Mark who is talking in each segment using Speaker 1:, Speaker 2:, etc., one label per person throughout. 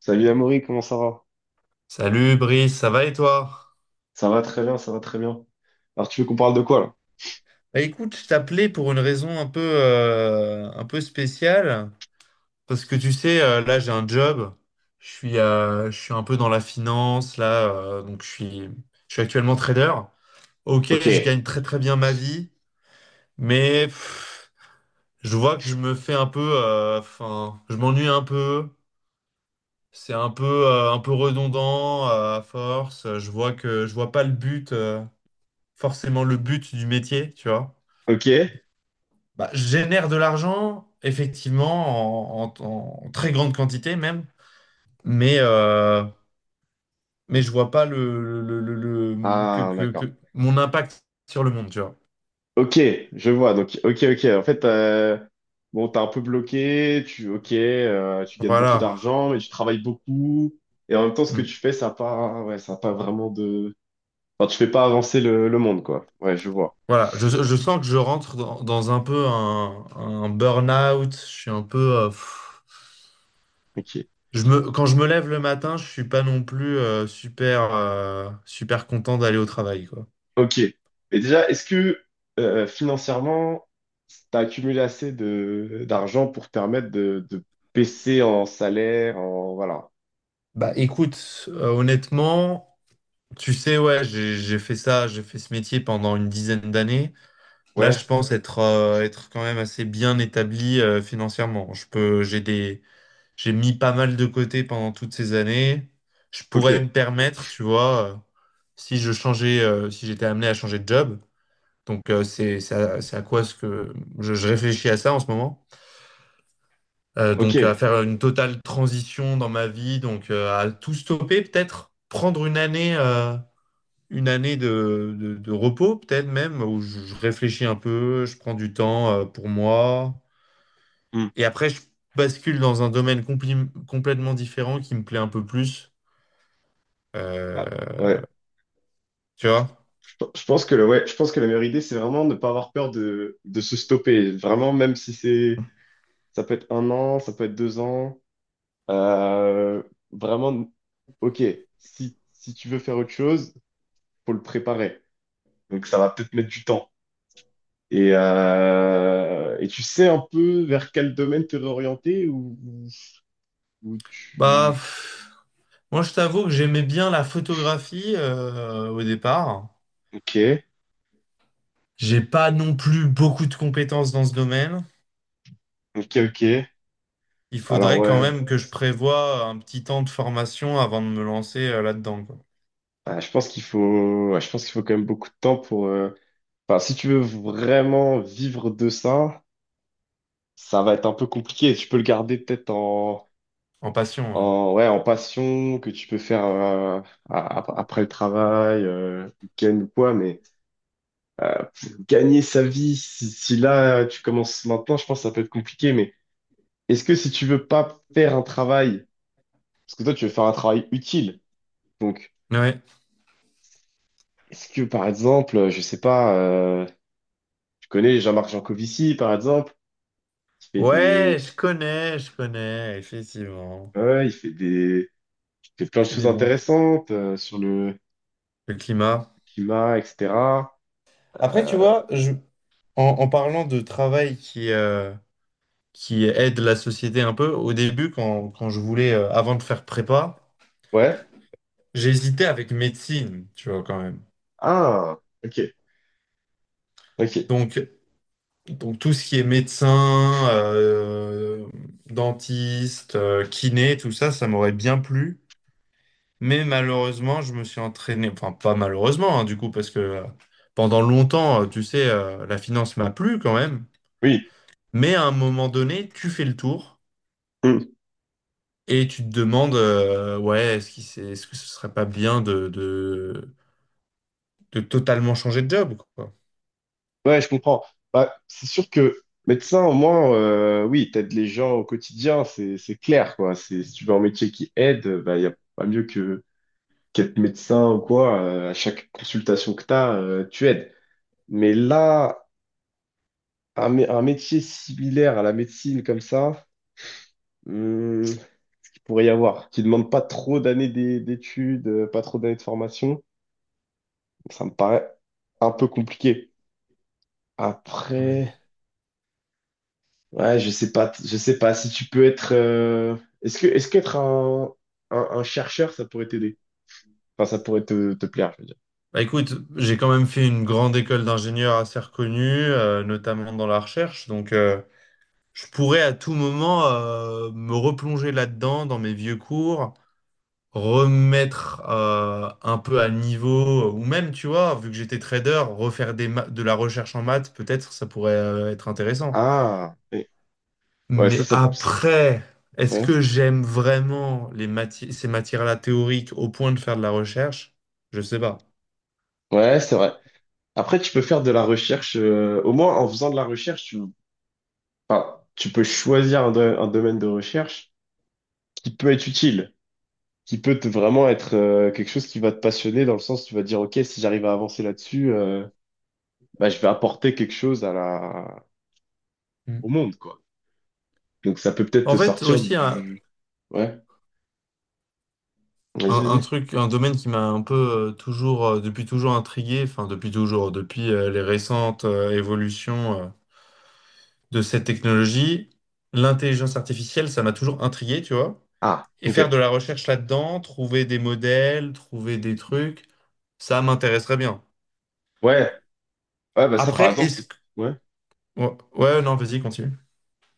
Speaker 1: Salut Amaury, comment ça va?
Speaker 2: Salut Brice, ça va et toi?
Speaker 1: Ça va très bien, ça va très bien. Alors tu veux qu'on parle de quoi là?
Speaker 2: Bah, écoute, je t'appelais pour une raison un peu spéciale. Parce que tu sais, là j'ai un job, je suis un peu dans la finance, donc je suis actuellement trader. Ok,
Speaker 1: Ok.
Speaker 2: je gagne très très bien ma vie, mais je vois que je me fais un peu, enfin, je m'ennuie un peu, c'est un peu redondant, à force, je vois pas le but, forcément le but du métier, tu vois.
Speaker 1: Ok.
Speaker 2: Bah, je génère de l'argent, effectivement, en très grande quantité même, mais, euh, mais je vois pas
Speaker 1: Ah d'accord.
Speaker 2: mon impact sur le monde, tu vois.
Speaker 1: Ok, je vois. Donc ok, ok. En fait, bon, t'es un peu bloqué. Tu ok, tu gagnes beaucoup
Speaker 2: Voilà.
Speaker 1: d'argent, mais tu travailles beaucoup. Et en même temps, ce que
Speaker 2: Mm.
Speaker 1: tu fais, ça a pas, ouais, ça a pas vraiment de. Enfin, tu fais pas avancer le monde, quoi. Ouais, je vois.
Speaker 2: Voilà. Je sens que je rentre dans un peu un burn-out. Je suis un peu. Pff.
Speaker 1: Ok.
Speaker 2: Quand je me lève le matin, je suis pas non plus super, super content d'aller au travail, quoi.
Speaker 1: Ok. Mais déjà, est-ce que financièrement, tu as accumulé assez de d'argent pour te permettre de baisser en salaire, en voilà.
Speaker 2: Bah écoute, honnêtement. Tu sais, ouais, j'ai fait ça, j'ai fait ce métier pendant une dizaine d'années. Là,
Speaker 1: Ouais,
Speaker 2: être quand même assez bien établi financièrement. Je peux, j'ai des, j'ai mis pas mal de côté pendant toutes ces années. Je
Speaker 1: ok,
Speaker 2: pourrais me permettre, tu vois, si je changeais, si j'étais amené à changer de job. Donc, c'est à quoi ce que je réfléchis à ça en ce moment.
Speaker 1: ok.
Speaker 2: Donc, à faire une totale transition dans ma vie, donc à tout stopper peut-être, prendre une année. Une année de repos, peut-être même, où je réfléchis un peu, je prends du temps pour moi.
Speaker 1: Hmm.
Speaker 2: Et après, je bascule dans un domaine complètement différent qui me plaît un peu plus.
Speaker 1: Ah,
Speaker 2: Euh,
Speaker 1: ouais.
Speaker 2: tu vois?
Speaker 1: Je pense que le, ouais, je pense que la meilleure idée, c'est vraiment ne pas avoir peur de se stopper. Vraiment, même si c'est ça peut être un an, ça peut être deux ans. euh, vraiment, ok. Si, si tu veux faire autre chose, faut le préparer. Donc ça va peut-être mettre du temps. Et tu sais un peu vers quel domaine te réorienter ou
Speaker 2: Bah,
Speaker 1: tu...
Speaker 2: pff, moi, je t'avoue que j'aimais bien la photographie au départ.
Speaker 1: Ok,
Speaker 2: J'ai pas non plus beaucoup de compétences dans ce domaine.
Speaker 1: ok, ok.
Speaker 2: Il
Speaker 1: Alors
Speaker 2: faudrait quand
Speaker 1: ouais,
Speaker 2: même que je prévoie un petit temps de formation avant de me lancer là-dedans, quoi.
Speaker 1: Ah, je pense qu'il faut, ouais, je pense qu'il faut quand même beaucoup de temps pour... Enfin, si tu veux vraiment vivre de ça, ça va être un peu compliqué. Tu peux le garder peut-être en,
Speaker 2: En passion, ouais.
Speaker 1: en, ouais, en passion que tu peux faire après le travail, week-end ou quoi, mais euh, gagner sa vie, si, si là tu commences maintenant, je pense que ça peut être compliqué, mais Est-ce que si tu veux pas faire un travail, parce que toi tu veux faire un travail utile, donc
Speaker 2: Ouais.
Speaker 1: est-ce que par exemple, je sais pas, tu connais Jean-Marc Jancovici par exemple, qui fait
Speaker 2: Ouais,
Speaker 1: des,
Speaker 2: je connais, effectivement.
Speaker 1: ouais, il fait des, il fait plein de
Speaker 2: C'est
Speaker 1: choses
Speaker 2: des bons.
Speaker 1: intéressantes sur le
Speaker 2: Le climat.
Speaker 1: climat, etc.
Speaker 2: Après, tu
Speaker 1: Euh,
Speaker 2: vois, en, en parlant de travail qui aide la société un peu, au début, quand je voulais, avant de faire prépa,
Speaker 1: ouais.
Speaker 2: j'hésitais avec médecine, tu vois, quand même.
Speaker 1: Ah, ok, ok,
Speaker 2: Donc, donc tout ce qui est médecin, dentiste, kiné, tout ça, ça m'aurait bien plu. Mais malheureusement, je me suis entraîné, enfin pas malheureusement, hein, du coup, parce que pendant longtemps, tu sais, la finance m'a plu quand même.
Speaker 1: oui,
Speaker 2: Mais à un moment donné, tu fais le tour
Speaker 1: Hmm.
Speaker 2: et tu te demandes, ouais, est-ce que ce serait pas bien de totalement changer de job, quoi.
Speaker 1: Ouais, je comprends. Bah, c'est sûr que médecin au moins, oui, t'aides les gens au quotidien, c'est clair quoi. C'est si tu veux un métier qui aide, bah il y a pas mieux que qu'être médecin ou quoi, à chaque consultation que tu as, tu aides. Mais là, un, mé- un métier similaire à la médecine comme ça, il pourrait y avoir, qui demande pas trop d'années d'é- d'études, pas trop d'années de formation, ça me paraît un peu compliqué.
Speaker 2: Ouais.
Speaker 1: Après, ouais, je sais pas si tu peux être, est-ce que, est-ce qu'être un chercheur, ça pourrait t'aider? Enfin, ça pourrait te, te plaire, je veux dire.
Speaker 2: Bah, écoute, j'ai quand même fait une grande école d'ingénieur assez reconnue, notamment dans la recherche, donc je pourrais à tout moment me replonger là-dedans, dans mes vieux cours remettre un peu à niveau, ou même, tu vois, vu que j'étais trader, refaire de la recherche en maths, peut-être ça pourrait être intéressant.
Speaker 1: Ah, ouais, ça,
Speaker 2: Mais
Speaker 1: ça, ça-
Speaker 2: après, est-ce
Speaker 1: ouais,
Speaker 2: que j'aime vraiment ces matières-là théoriques au point de faire de la recherche? Je sais pas.
Speaker 1: ouais, c'est vrai. Après, tu peux faire de la recherche, au moins en faisant de la recherche, tu, enfin, tu peux choisir un, do- un domaine de recherche qui peut être utile, qui peut te- vraiment être quelque chose qui va te passionner dans le sens tu vas dire, OK, si j'arrive à avancer là-dessus, bah, je vais apporter quelque chose à la...
Speaker 2: Mm.
Speaker 1: au monde, quoi. Donc ça peut peut-être te
Speaker 2: En fait,
Speaker 1: sortir
Speaker 2: aussi,
Speaker 1: du... Ouais, vas-y,
Speaker 2: un
Speaker 1: vas-y.
Speaker 2: truc, un domaine qui m'a un peu toujours, depuis toujours intrigué, enfin, depuis toujours, depuis les récentes évolutions. De cette technologie. L'intelligence artificielle, ça m'a toujours intrigué, tu vois.
Speaker 1: Ah,
Speaker 2: Et
Speaker 1: OK.
Speaker 2: faire de la recherche là-dedans, trouver des modèles, trouver des trucs, ça m'intéresserait bien.
Speaker 1: Ouais, ouais, bah ça par
Speaker 2: Après,
Speaker 1: exemple,
Speaker 2: est-ce
Speaker 1: c'est...
Speaker 2: que...
Speaker 1: Ouais.
Speaker 2: Ouais, ouais, non, vas-y, continue.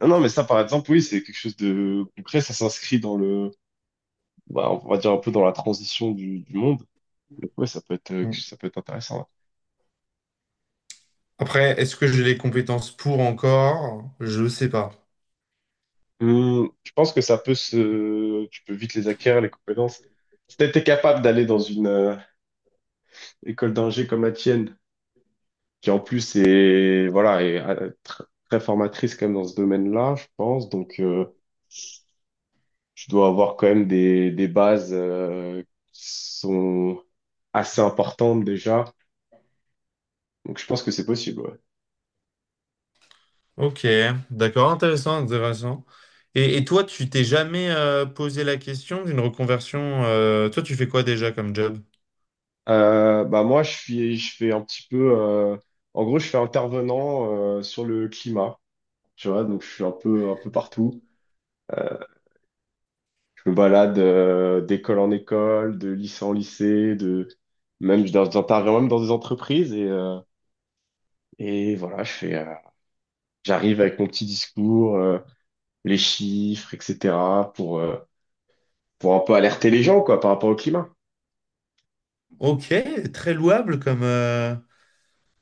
Speaker 1: Non, non, mais ça par exemple, oui, c'est quelque chose de concret, ça s'inscrit dans le... Bah, on va dire un peu dans la transition du monde. Donc ouais,
Speaker 2: Mm.
Speaker 1: ça peut être intéressant. Ouais.
Speaker 2: Après, est-ce que j'ai les compétences pour encore? Je sais pas.
Speaker 1: Tu penses que ça peut se, tu peux vite les acquérir, les compétences. Si t'étais capable d'aller dans une école d'ingé comme la tienne, qui en plus est, voilà, est tr- très formatrice quand même dans ce domaine-là, je pense. Donc, tu dois avoir quand même des bases qui sont assez importantes déjà. Donc, je pense que c'est possible, ouais.
Speaker 2: Ok, d'accord, intéressant, intéressant. Et toi, tu t'es jamais posé la question d'une reconversion Toi, tu fais quoi déjà comme job?
Speaker 1: Bah moi, je suis, je fais un petit peu, en gros, je fais intervenant sur le climat. Tu vois, donc je suis un peu partout. Je me balade d'école en école, de lycée en lycée, de même je- j'interviens même dans des entreprises et voilà, je fais, j'arrive avec mon petit discours, les chiffres, etc. pour euh, pour un peu alerter les gens quoi par rapport au climat.
Speaker 2: Ok, très louable comme,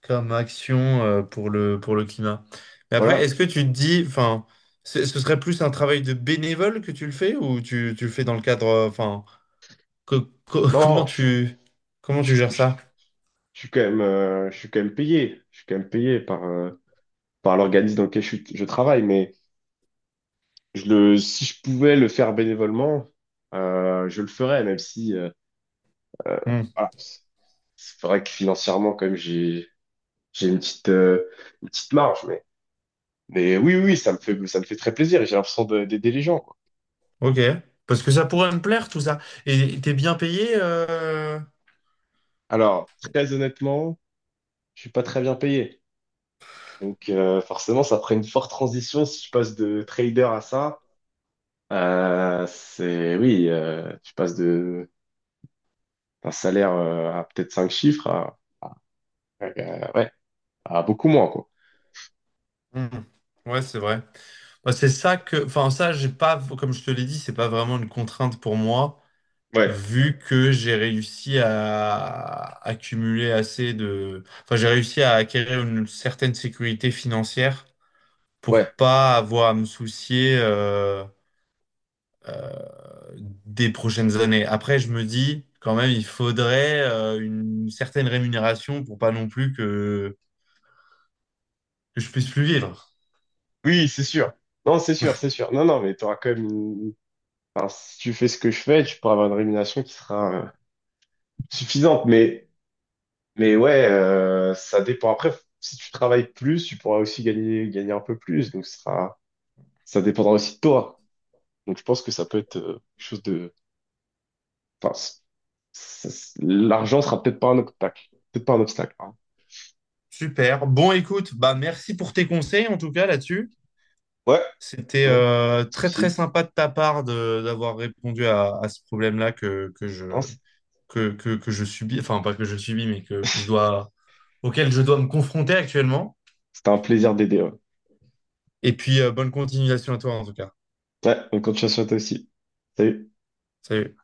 Speaker 2: comme action pour le climat. Mais après,
Speaker 1: Voilà.
Speaker 2: est-ce que tu te dis, enfin, ce ce serait plus un travail de bénévole que tu le fais ou tu le fais dans le cadre, enfin, co- co- comment
Speaker 1: Non,
Speaker 2: tu, comment tu
Speaker 1: je,
Speaker 2: gères
Speaker 1: je-
Speaker 2: ça?
Speaker 1: je suis quand même, je suis quand même payé, je suis quand même payé par par l'organisme dans lequel je, suis- je travaille, mais je le, si je pouvais le faire bénévolement, je le ferais, même si Euh,
Speaker 2: Hmm,
Speaker 1: voilà. C'est vrai que financièrement, quand même, j'ai une petite marge, mais oui, oui, oui, ça me fait très plaisir et j'ai l'impression de- d'aider les gens, quoi.
Speaker 2: ok. Parce que ça pourrait me plaire tout ça. Et t'es bien payé
Speaker 1: Alors, très honnêtement, je suis pas très bien payé, donc forcément, ça ferait une forte transition si je passe de trader à ça. C'est oui, tu passes de d'un salaire à peut-être cinq chiffres à- ouais à beaucoup moins, quoi.
Speaker 2: hmm, Ouais, c'est vrai. Moi, c'est ça que, enfin, ça, j'ai pas, comme je te l'ai dit, c'est pas vraiment une contrainte pour moi.
Speaker 1: Ouais,
Speaker 2: Vu que j'ai réussi à accumuler assez de... Enfin, j'ai réussi à acquérir une certaine sécurité financière pour
Speaker 1: ouais,
Speaker 2: pas avoir à me soucier des prochaines années. Après, je me dis, quand même, il faudrait une certaine rémunération pour pas non plus que je puisse plus vivre.
Speaker 1: oui, c'est sûr. Non, c'est sûr, c'est sûr. Non, non, mais tu auras quand même une Enfin, si tu fais ce que je fais, tu pourras avoir une rémunération qui sera suffisante. Mais ouais, ça dépend. Après, si tu travailles plus, tu pourras aussi gagner un peu plus. Donc, ce sera, ça dépendra aussi de toi. Donc, je pense que ça peut être quelque chose de. Enfin, l'argent sera peut-être pas un obstacle. Peut-être pas un obstacle. Pardon.
Speaker 2: Super. Bon, écoute, bah merci pour tes conseils en tout cas là-dessus.
Speaker 1: Ouais,
Speaker 2: C'était
Speaker 1: ouais, pas de
Speaker 2: très très
Speaker 1: souci.
Speaker 2: sympa de ta part de d'avoir répondu à ce problème-là
Speaker 1: Non, c-
Speaker 2: que je subis, enfin pas que je subis, mais que je dois, auquel je dois me confronter actuellement.
Speaker 1: C'était un plaisir d'aider. Ouais.
Speaker 2: Et puis, bonne continuation à toi en tout cas.
Speaker 1: Ouais, bonne continuation à toi aussi. Salut.
Speaker 2: Salut.